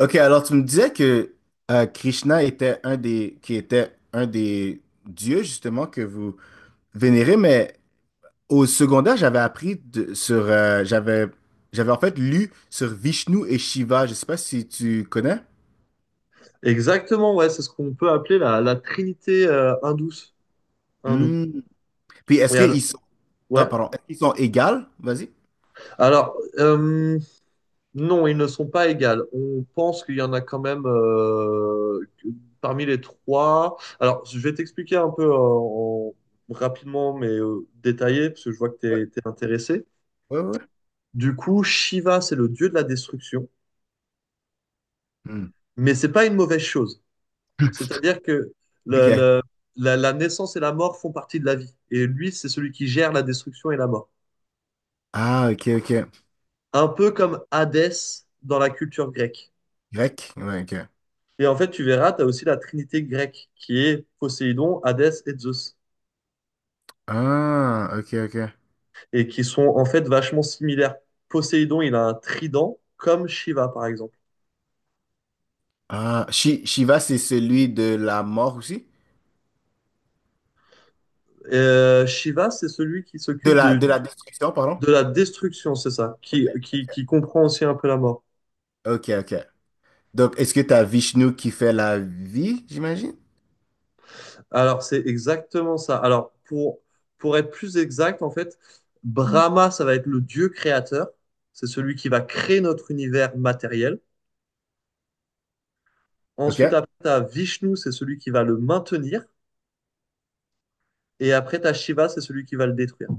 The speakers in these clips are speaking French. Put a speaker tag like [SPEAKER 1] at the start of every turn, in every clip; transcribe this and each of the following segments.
[SPEAKER 1] Ok, alors tu me disais que Krishna était un des dieux justement que vous vénérez, mais au secondaire, j'avais appris de- sur, j'avais, j'avais en fait lu sur Vishnu et Shiva. Je sais pas si tu connais.
[SPEAKER 2] Exactement, ouais, c'est ce qu'on peut appeler la trinité hindoue.
[SPEAKER 1] Hmm. Puis
[SPEAKER 2] Et al-
[SPEAKER 1] ah,
[SPEAKER 2] ouais.
[SPEAKER 1] pardon, est-ce qu'ils sont égales? Vas-y.
[SPEAKER 2] Alors, euh, non, ils ne sont pas égales. On pense qu'il y en a quand même parmi les trois. Alors, je vais t'expliquer un peu rapidement, mais détaillé, parce que je vois que
[SPEAKER 1] Ouais,
[SPEAKER 2] tu es intéressé.
[SPEAKER 1] ouais, ouais.
[SPEAKER 2] Du coup, Shiva, c'est le dieu de la destruction,
[SPEAKER 1] Hmm.
[SPEAKER 2] mais c'est pas une mauvaise chose. C'est-à-dire que le,
[SPEAKER 1] Ok.
[SPEAKER 2] le- la naissance et la mort font partie de la vie. Et lui, c'est celui qui gère la destruction et la mort.
[SPEAKER 1] Ah, ok, ok.
[SPEAKER 2] Un peu comme Hadès dans la culture grecque.
[SPEAKER 1] Grec. Ouais, ok.
[SPEAKER 2] Et en fait, tu verras, tu as aussi la trinité grecque qui est Poséidon, Hadès et Zeus,
[SPEAKER 1] Ah, ok, ok.
[SPEAKER 2] et qui sont en fait vachement similaires. Poséidon, il a un trident, comme Shiva, par exemple.
[SPEAKER 1] Ah, Shiva, c'est celui de la mort aussi?
[SPEAKER 2] Shiva, c'est celui qui
[SPEAKER 1] De de la destruction, pardon?
[SPEAKER 2] de la destruction, c'est ça,
[SPEAKER 1] Ok,
[SPEAKER 2] qui,
[SPEAKER 1] ok,
[SPEAKER 2] qui comprend aussi un peu la mort.
[SPEAKER 1] ok. Ok. Donc, est-ce que t'as Vishnu qui fait la vie, j'imagine?
[SPEAKER 2] Alors, c'est exactement ça. Pour être plus exact, en fait, Brahma, ça va être le dieu créateur, c'est celui qui va créer notre univers matériel.
[SPEAKER 1] Ok.
[SPEAKER 2] Ensuite, après, tu as Vishnu, c'est celui qui va le maintenir. Et après, tu as Shiva, c'est celui qui va le détruire.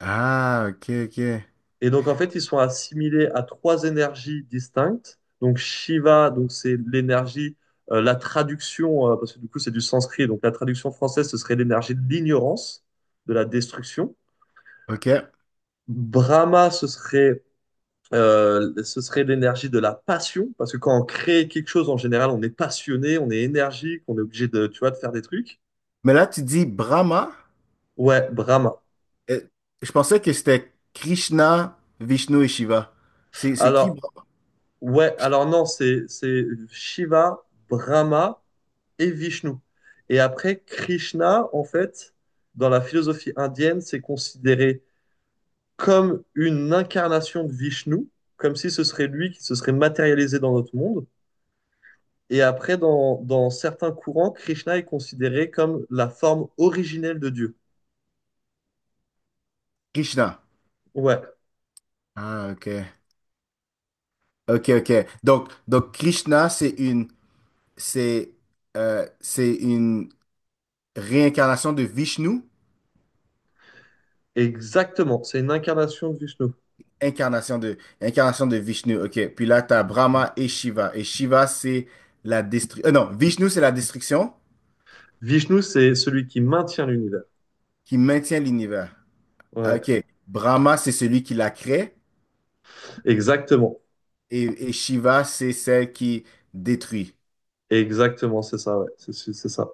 [SPEAKER 1] Ah, ok, ok.
[SPEAKER 2] Et donc, en fait, ils sont assimilés à trois énergies distinctes. Donc, Shiva, donc c'est l'énergie, la traduction, parce que du coup, c'est du sanskrit. Donc, la traduction française, ce serait l'énergie de l'ignorance, de la destruction.
[SPEAKER 1] Ok.
[SPEAKER 2] Brahma, ce serait, ce serait l'énergie de la passion, parce que quand on crée quelque chose, en général, on est passionné, on est énergique, on est obligé de, tu vois, de faire des trucs.
[SPEAKER 1] Mais là, tu dis Brahma.
[SPEAKER 2] Ouais, Brahma.
[SPEAKER 1] Euh, Je pensais que c'était Krishna, Vishnu et Shiva. C'est qui
[SPEAKER 2] Alors,
[SPEAKER 1] Brahma?
[SPEAKER 2] ouais, alors non, c'est Shiva, Brahma et Vishnu. Et après, Krishna, en fait, dans la philosophie indienne, c'est considéré comme une incarnation de Vishnu, comme si ce serait lui qui se serait matérialisé dans notre monde. Et après, dans certains courants, Krishna est considéré comme la forme originelle de Dieu.
[SPEAKER 1] Krishna.
[SPEAKER 2] Ouais,
[SPEAKER 1] Ah, ok. Ok, ok. Donc Krishna, c'est, c'est une réincarnation de Vishnu.
[SPEAKER 2] exactement. C'est une incarnation de Vishnu.
[SPEAKER 1] Incarnation de Vishnu, ok. Puis là, tu as Brahma et Shiva. Et Shiva, c'est la destruction. Non, Vishnu, c'est la destruction
[SPEAKER 2] Vishnu, c'est celui qui maintient l'univers.
[SPEAKER 1] qui maintient l'univers. Ah,
[SPEAKER 2] Ouais,
[SPEAKER 1] ok. Brahma, c'est celui qui la crée.
[SPEAKER 2] exactement.
[SPEAKER 1] Et Shiva, c'est celle qui détruit.
[SPEAKER 2] Exactement, c'est ça, ouais. C'est ça.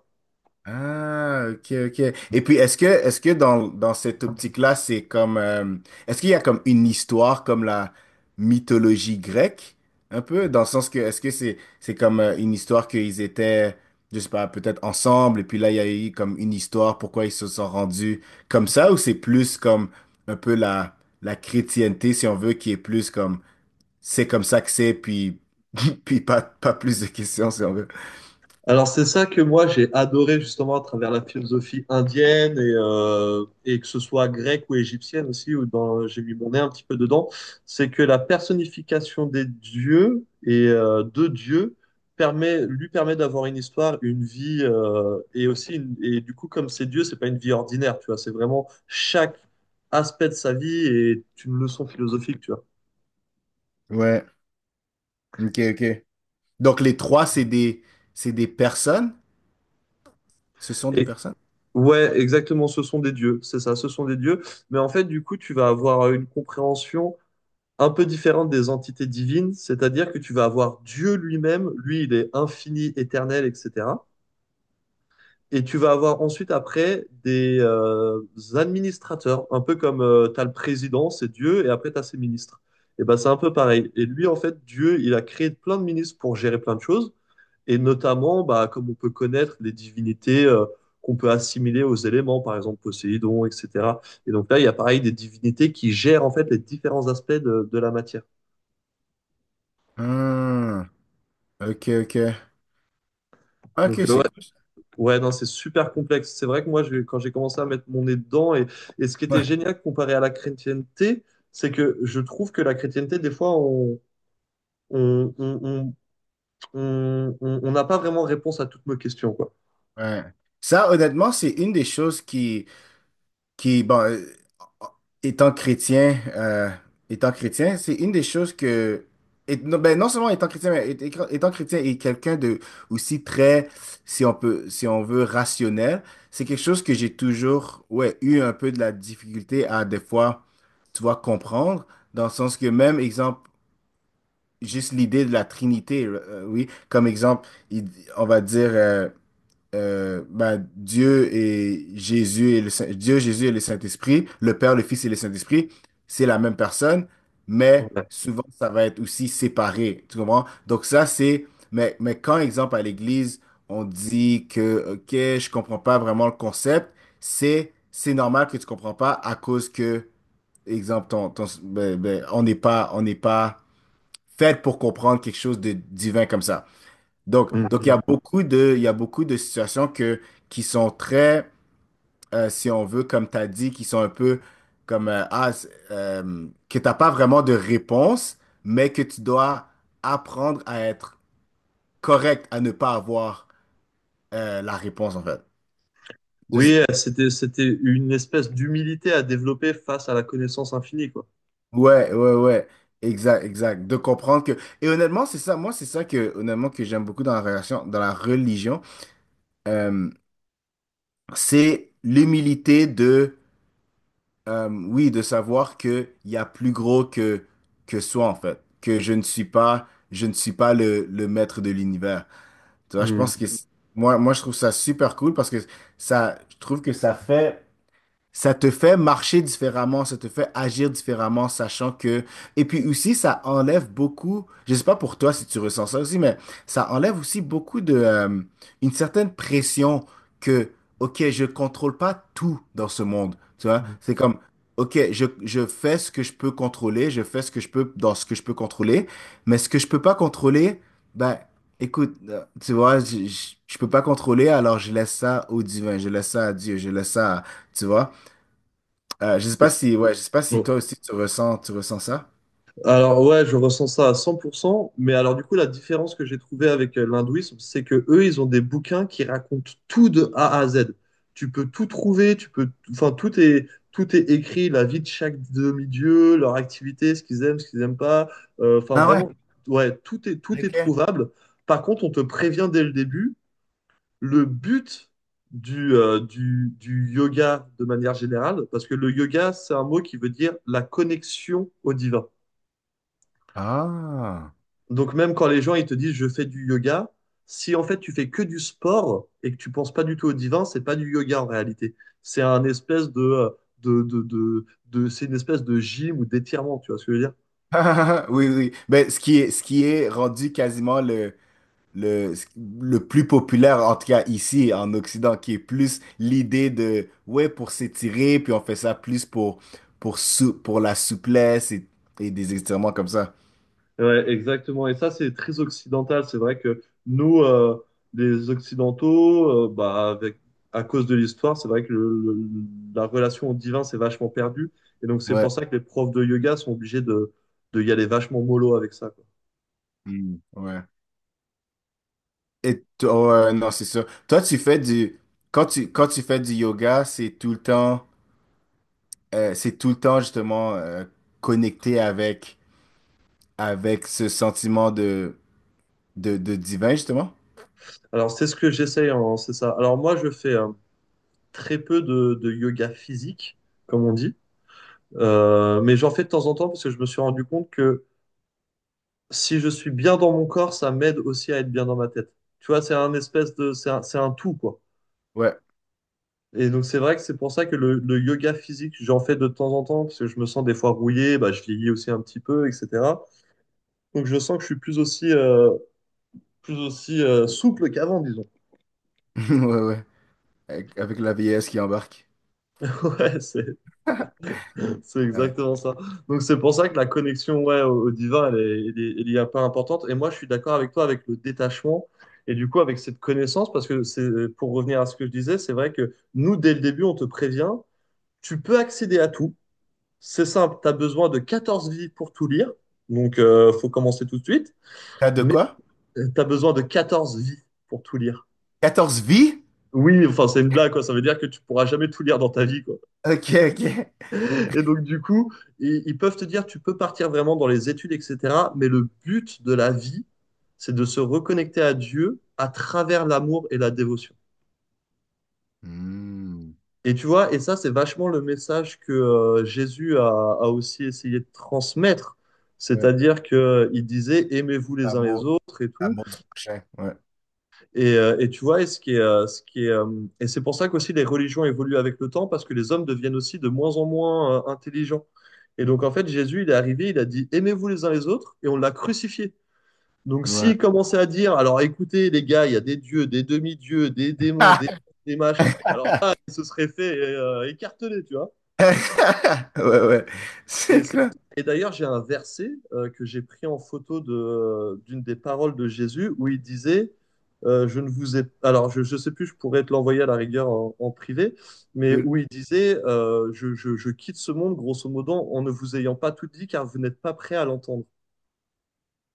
[SPEAKER 1] Ah, ok, ok. Et puis, est-ce que dans cette optique-là, c'est comme, est-ce qu'il y a comme une histoire comme la mythologie grecque, un peu, dans le sens que, c'est comme une histoire qu'ils étaient, je sais pas, peut-être ensemble, et puis là, il y a eu comme une histoire, pourquoi ils se sont rendus comme ça, ou c'est plus comme un peu la, la chrétienté, si on veut, qui est plus comme, c'est comme ça que c'est, puis, puis pas plus de questions, si on veut.
[SPEAKER 2] Alors c'est ça que moi j'ai adoré justement à travers la philosophie indienne et que ce soit grecque ou égyptienne aussi, où dans, j'ai mis mon nez un petit peu dedans, c'est que la personnification des dieux et de Dieu permet, lui permet d'avoir une histoire, une vie et aussi et du coup comme c'est Dieu, c'est pas une vie ordinaire, tu vois, c'est vraiment chaque aspect de sa vie est une leçon philosophique, tu vois.
[SPEAKER 1] Ouais, ok, ok. Donc les trois, c'est des personnes? Ce sont des
[SPEAKER 2] Et,
[SPEAKER 1] personnes?
[SPEAKER 2] Ouais, exactement, ce sont des dieux, c'est ça, ce sont des dieux. Mais en fait, du coup, tu vas avoir une compréhension un peu différente des entités divines, c'est-à-dire que tu vas avoir Dieu lui-même, lui, il est infini, éternel, etc. Et tu vas avoir ensuite après des administrateurs, un peu comme tu as le président, c'est Dieu, et après tu as ses ministres. Et ben c'est un peu pareil. Et lui, en fait, Dieu, il a créé plein de ministres pour gérer plein de choses. Et notamment, bah, comme on peut connaître les divinités qu'on peut assimiler aux éléments, par exemple Poséidon, etc. Et donc là, il y a pareil des divinités qui gèrent en fait les différents aspects de la matière.
[SPEAKER 1] Hmm, ok, ok.
[SPEAKER 2] Donc
[SPEAKER 1] Ok,
[SPEAKER 2] euh,
[SPEAKER 1] c'est
[SPEAKER 2] ouais,
[SPEAKER 1] cool. ça.
[SPEAKER 2] ouais, non, c'est super complexe. C'est vrai que moi, quand j'ai commencé à mettre mon nez dedans, et ce qui était
[SPEAKER 1] Ouais,
[SPEAKER 2] génial comparé à la chrétienté, c'est que je trouve que la chrétienté, des fois, on on on on n'a pas vraiment réponse à toutes nos questions, quoi.
[SPEAKER 1] ouais. Ça, honnêtement, c'est une des choses qui, bon, euh, étant chrétien, étant chrétien, c'est une des choses que, non, ben, non seulement étant chrétien, mais étant chrétien et quelqu'un de aussi très, si on peut, si on veut, rationnel, c'est quelque chose que j'ai toujours, ouais, eu un peu de la difficulté à des fois, tu vois, comprendre, dans le sens que même exemple, juste l'idée de la Trinité, oui, comme exemple, on va dire. Bah, Dieu, Jésus et le Saint-Esprit, le Père, le Fils et le Saint-Esprit, c'est la même personne, mais
[SPEAKER 2] Ouais.
[SPEAKER 1] souvent ça va être aussi séparé, tu comprends? Donc ça c'est, mais quand exemple à l'Église, on dit que ok, je comprends pas vraiment le concept, c'est normal que tu comprends pas à cause que exemple ben, on n'est pas fait pour comprendre quelque chose de divin comme ça. Donc,
[SPEAKER 2] Mhm.
[SPEAKER 1] il y a beaucoup de situations que, qui sont très, si on veut, comme tu as dit, qui sont un peu comme, que tu n'as pas vraiment de réponse, mais que tu dois apprendre à être correct, à ne pas avoir la réponse, en fait. Just-
[SPEAKER 2] Oui, c'était une espèce d'humilité à développer face à la connaissance infinie, quoi.
[SPEAKER 1] ouais, ouais, ouais. Exact, exact. De comprendre que... Et honnêtement, c'est ça, moi, c'est ça que, honnêtement, que j'aime beaucoup dans dans la religion. Euh, c'est l'humilité. Oui, de savoir que il y a plus gros que soi en fait, que je ne suis pas le maître de l'univers. Tu vois, je pense
[SPEAKER 2] Hmm.
[SPEAKER 1] que c'est. Moi je trouve ça super cool parce que ça je trouve que ça fait ça te fait marcher différemment, ça te fait agir différemment, sachant que... Et puis aussi, ça enlève beaucoup, je sais pas pour toi si tu ressens ça aussi, mais ça enlève aussi beaucoup de... une certaine pression que, ok, je contrôle pas tout dans ce monde, tu vois?
[SPEAKER 2] Hmm.
[SPEAKER 1] C'est comme, ok, je fais ce que je peux contrôler, je fais ce que je peux dans ce que je peux contrôler, mais ce que je peux pas contrôler, ben, écoute, tu vois, je peux pas contrôler, alors je laisse ça au divin, je laisse ça à Dieu, je laisse ça à... Tu vois? Je sais pas si, ouais, je sais pas si
[SPEAKER 2] Bon.
[SPEAKER 1] toi aussi tu ressens ça.
[SPEAKER 2] Alors ouais, je ressens ça à 100%, mais alors du coup, la différence que j'ai trouvée avec l'hindouisme, c'est que eux, ils ont des bouquins qui racontent tout de A à Z. Tu peux tout trouver, tu peux, enfin, tout est écrit, la vie de chaque demi-dieu, leur activité, ce qu'ils aiment, ce qu'ils n'aiment pas. Enfin,
[SPEAKER 1] Ah ouais?
[SPEAKER 2] vraiment, ouais, tout est
[SPEAKER 1] Ok.
[SPEAKER 2] trouvable. Par contre, on te prévient dès le début. Le but du yoga de manière générale, parce que le yoga, c'est un mot qui veut dire la connexion au divin.
[SPEAKER 1] Ah.
[SPEAKER 2] Donc même quand les gens ils te disent je fais du yoga, si en fait tu fais que du sport et que tu penses pas du tout au divin, c'est pas du yoga en réalité. C'est un espèce de, de, de, de- C'est une espèce de gym ou d'étirement, tu vois ce que je veux dire?
[SPEAKER 1] Oui, oui. Ben, ce qui est rendu quasiment le, le plus populaire, en tout cas ici, en Occident, qui est plus l'idée de, ouais, pour s'étirer, puis on fait ça plus pour, pour la souplesse et des étirements comme ça.
[SPEAKER 2] Ouais, exactement. Et ça, c'est très occidental. C'est vrai que nous, les Occidentaux, bah, avec, à cause de l'histoire, c'est vrai que la relation au divin s'est vachement perdue. Et donc, c'est
[SPEAKER 1] Ouais.
[SPEAKER 2] pour ça que les profs de yoga sont obligés de y aller vachement mollo avec ça, quoi.
[SPEAKER 1] Mm, ouais. Et toi, ouais, non, c'est sûr. Toi, tu fais du, quand tu fais du yoga, c'est tout le temps. C'est tout le temps justement Connecté avec, avec ce sentiment de de divin, justement.
[SPEAKER 2] Alors, c'est ce que j'essaye, c'est ça. Alors, moi, je fais très peu de yoga physique, comme on dit. Mais j'en fais de temps en temps parce que je me suis rendu compte que si je suis bien dans mon corps, ça m'aide aussi à être bien dans ma tête. Tu vois, c'est un tout, quoi.
[SPEAKER 1] Ouais,
[SPEAKER 2] Et donc, c'est vrai que c'est pour ça que le yoga physique, j'en fais de temps en temps, parce que je me sens des fois rouillé, bah, je vieillis aussi un petit peu, etc. Donc, je sens que je suis plus aussi souple qu'avant, disons.
[SPEAKER 1] ouais, ouais. Avec, avec la vieillesse qui embarque.
[SPEAKER 2] Ouais, c'est, C'est
[SPEAKER 1] Ouais.
[SPEAKER 2] exactement ça. Donc c'est pour ça que la connexion ouais, au divin, elle est un peu importante. Et moi, je suis d'accord avec toi avec le détachement et du coup avec cette connaissance, parce que c'est, pour revenir à ce que je disais, c'est vrai que nous, dès le début, on te prévient, tu peux accéder à tout. C'est simple, tu as besoin de 14 vies pour tout lire. Faut commencer tout de suite,
[SPEAKER 1] T'as de
[SPEAKER 2] mais
[SPEAKER 1] quoi?
[SPEAKER 2] tu as besoin de 14 vies pour tout lire.
[SPEAKER 1] Quatorze vies?
[SPEAKER 2] Oui, enfin c'est une blague, quoi. Ça veut dire que tu pourras jamais tout lire dans ta vie, quoi.
[SPEAKER 1] Ok, ok.
[SPEAKER 2] Et donc, du coup, ils peuvent te dire, tu peux partir vraiment dans les études, etc. Mais le but de la vie, c'est de se reconnecter à Dieu à travers l'amour et la dévotion.
[SPEAKER 1] Hmm.
[SPEAKER 2] Et tu vois, et ça, c'est vachement le message que Jésus a aussi essayé de transmettre.
[SPEAKER 1] Ouais,
[SPEAKER 2] C'est-à-dire qu'il disait, aimez-vous les uns les
[SPEAKER 1] l'amour,
[SPEAKER 2] autres et tout.
[SPEAKER 1] l'amour du prochain. Ouais,
[SPEAKER 2] Et tu vois, et ce qui est, Et c'est pour ça qu'aussi les religions évoluent avec le temps, parce que les hommes deviennent aussi de moins en moins intelligents. Et donc, en fait, Jésus, il est arrivé, il a dit, aimez-vous les uns les autres, et on l'a crucifié. Donc,
[SPEAKER 1] ouais.
[SPEAKER 2] s'il commençait à dire, alors écoutez, les gars, il y a des dieux, des demi-dieux, des démons, des machins, alors là, il se serait fait écarteler, tu vois.
[SPEAKER 1] Ouais, ouais.
[SPEAKER 2] Et,
[SPEAKER 1] C'est
[SPEAKER 2] c'est-
[SPEAKER 1] quoi?
[SPEAKER 2] et d'ailleurs, j'ai un verset que j'ai pris en photo de, d'une des paroles de Jésus où il disait, je ne vous ai, alors je ne sais plus, je pourrais te l'envoyer à la rigueur en, en privé, mais
[SPEAKER 1] Cool.
[SPEAKER 2] où il disait, je quitte ce monde, grosso modo, en ne vous ayant pas tout dit, car vous n'êtes pas prêt à l'entendre.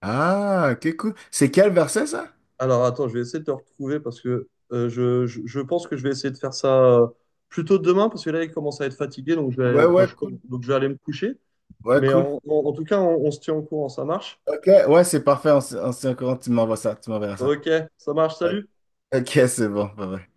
[SPEAKER 1] Ah, ok, cool. C'est quel verset, ça?
[SPEAKER 2] Alors attends, je vais essayer de te retrouver parce que je pense que je vais essayer de faire ça plutôt demain, parce que là, il commence à être fatigué, donc je vais,
[SPEAKER 1] Ouais,
[SPEAKER 2] enfin,
[SPEAKER 1] ouais,
[SPEAKER 2] je sais pas,
[SPEAKER 1] cool.
[SPEAKER 2] donc je vais aller me coucher.
[SPEAKER 1] Ouais,
[SPEAKER 2] Mais
[SPEAKER 1] cool.
[SPEAKER 2] en tout cas, on se tient au courant, ça marche.
[SPEAKER 1] Ok, ouais, c'est parfait. Tu m'envoies tu m'enverras ça.
[SPEAKER 2] Ok, ça marche, salut.
[SPEAKER 1] Ok, c'est bon. Bye bye.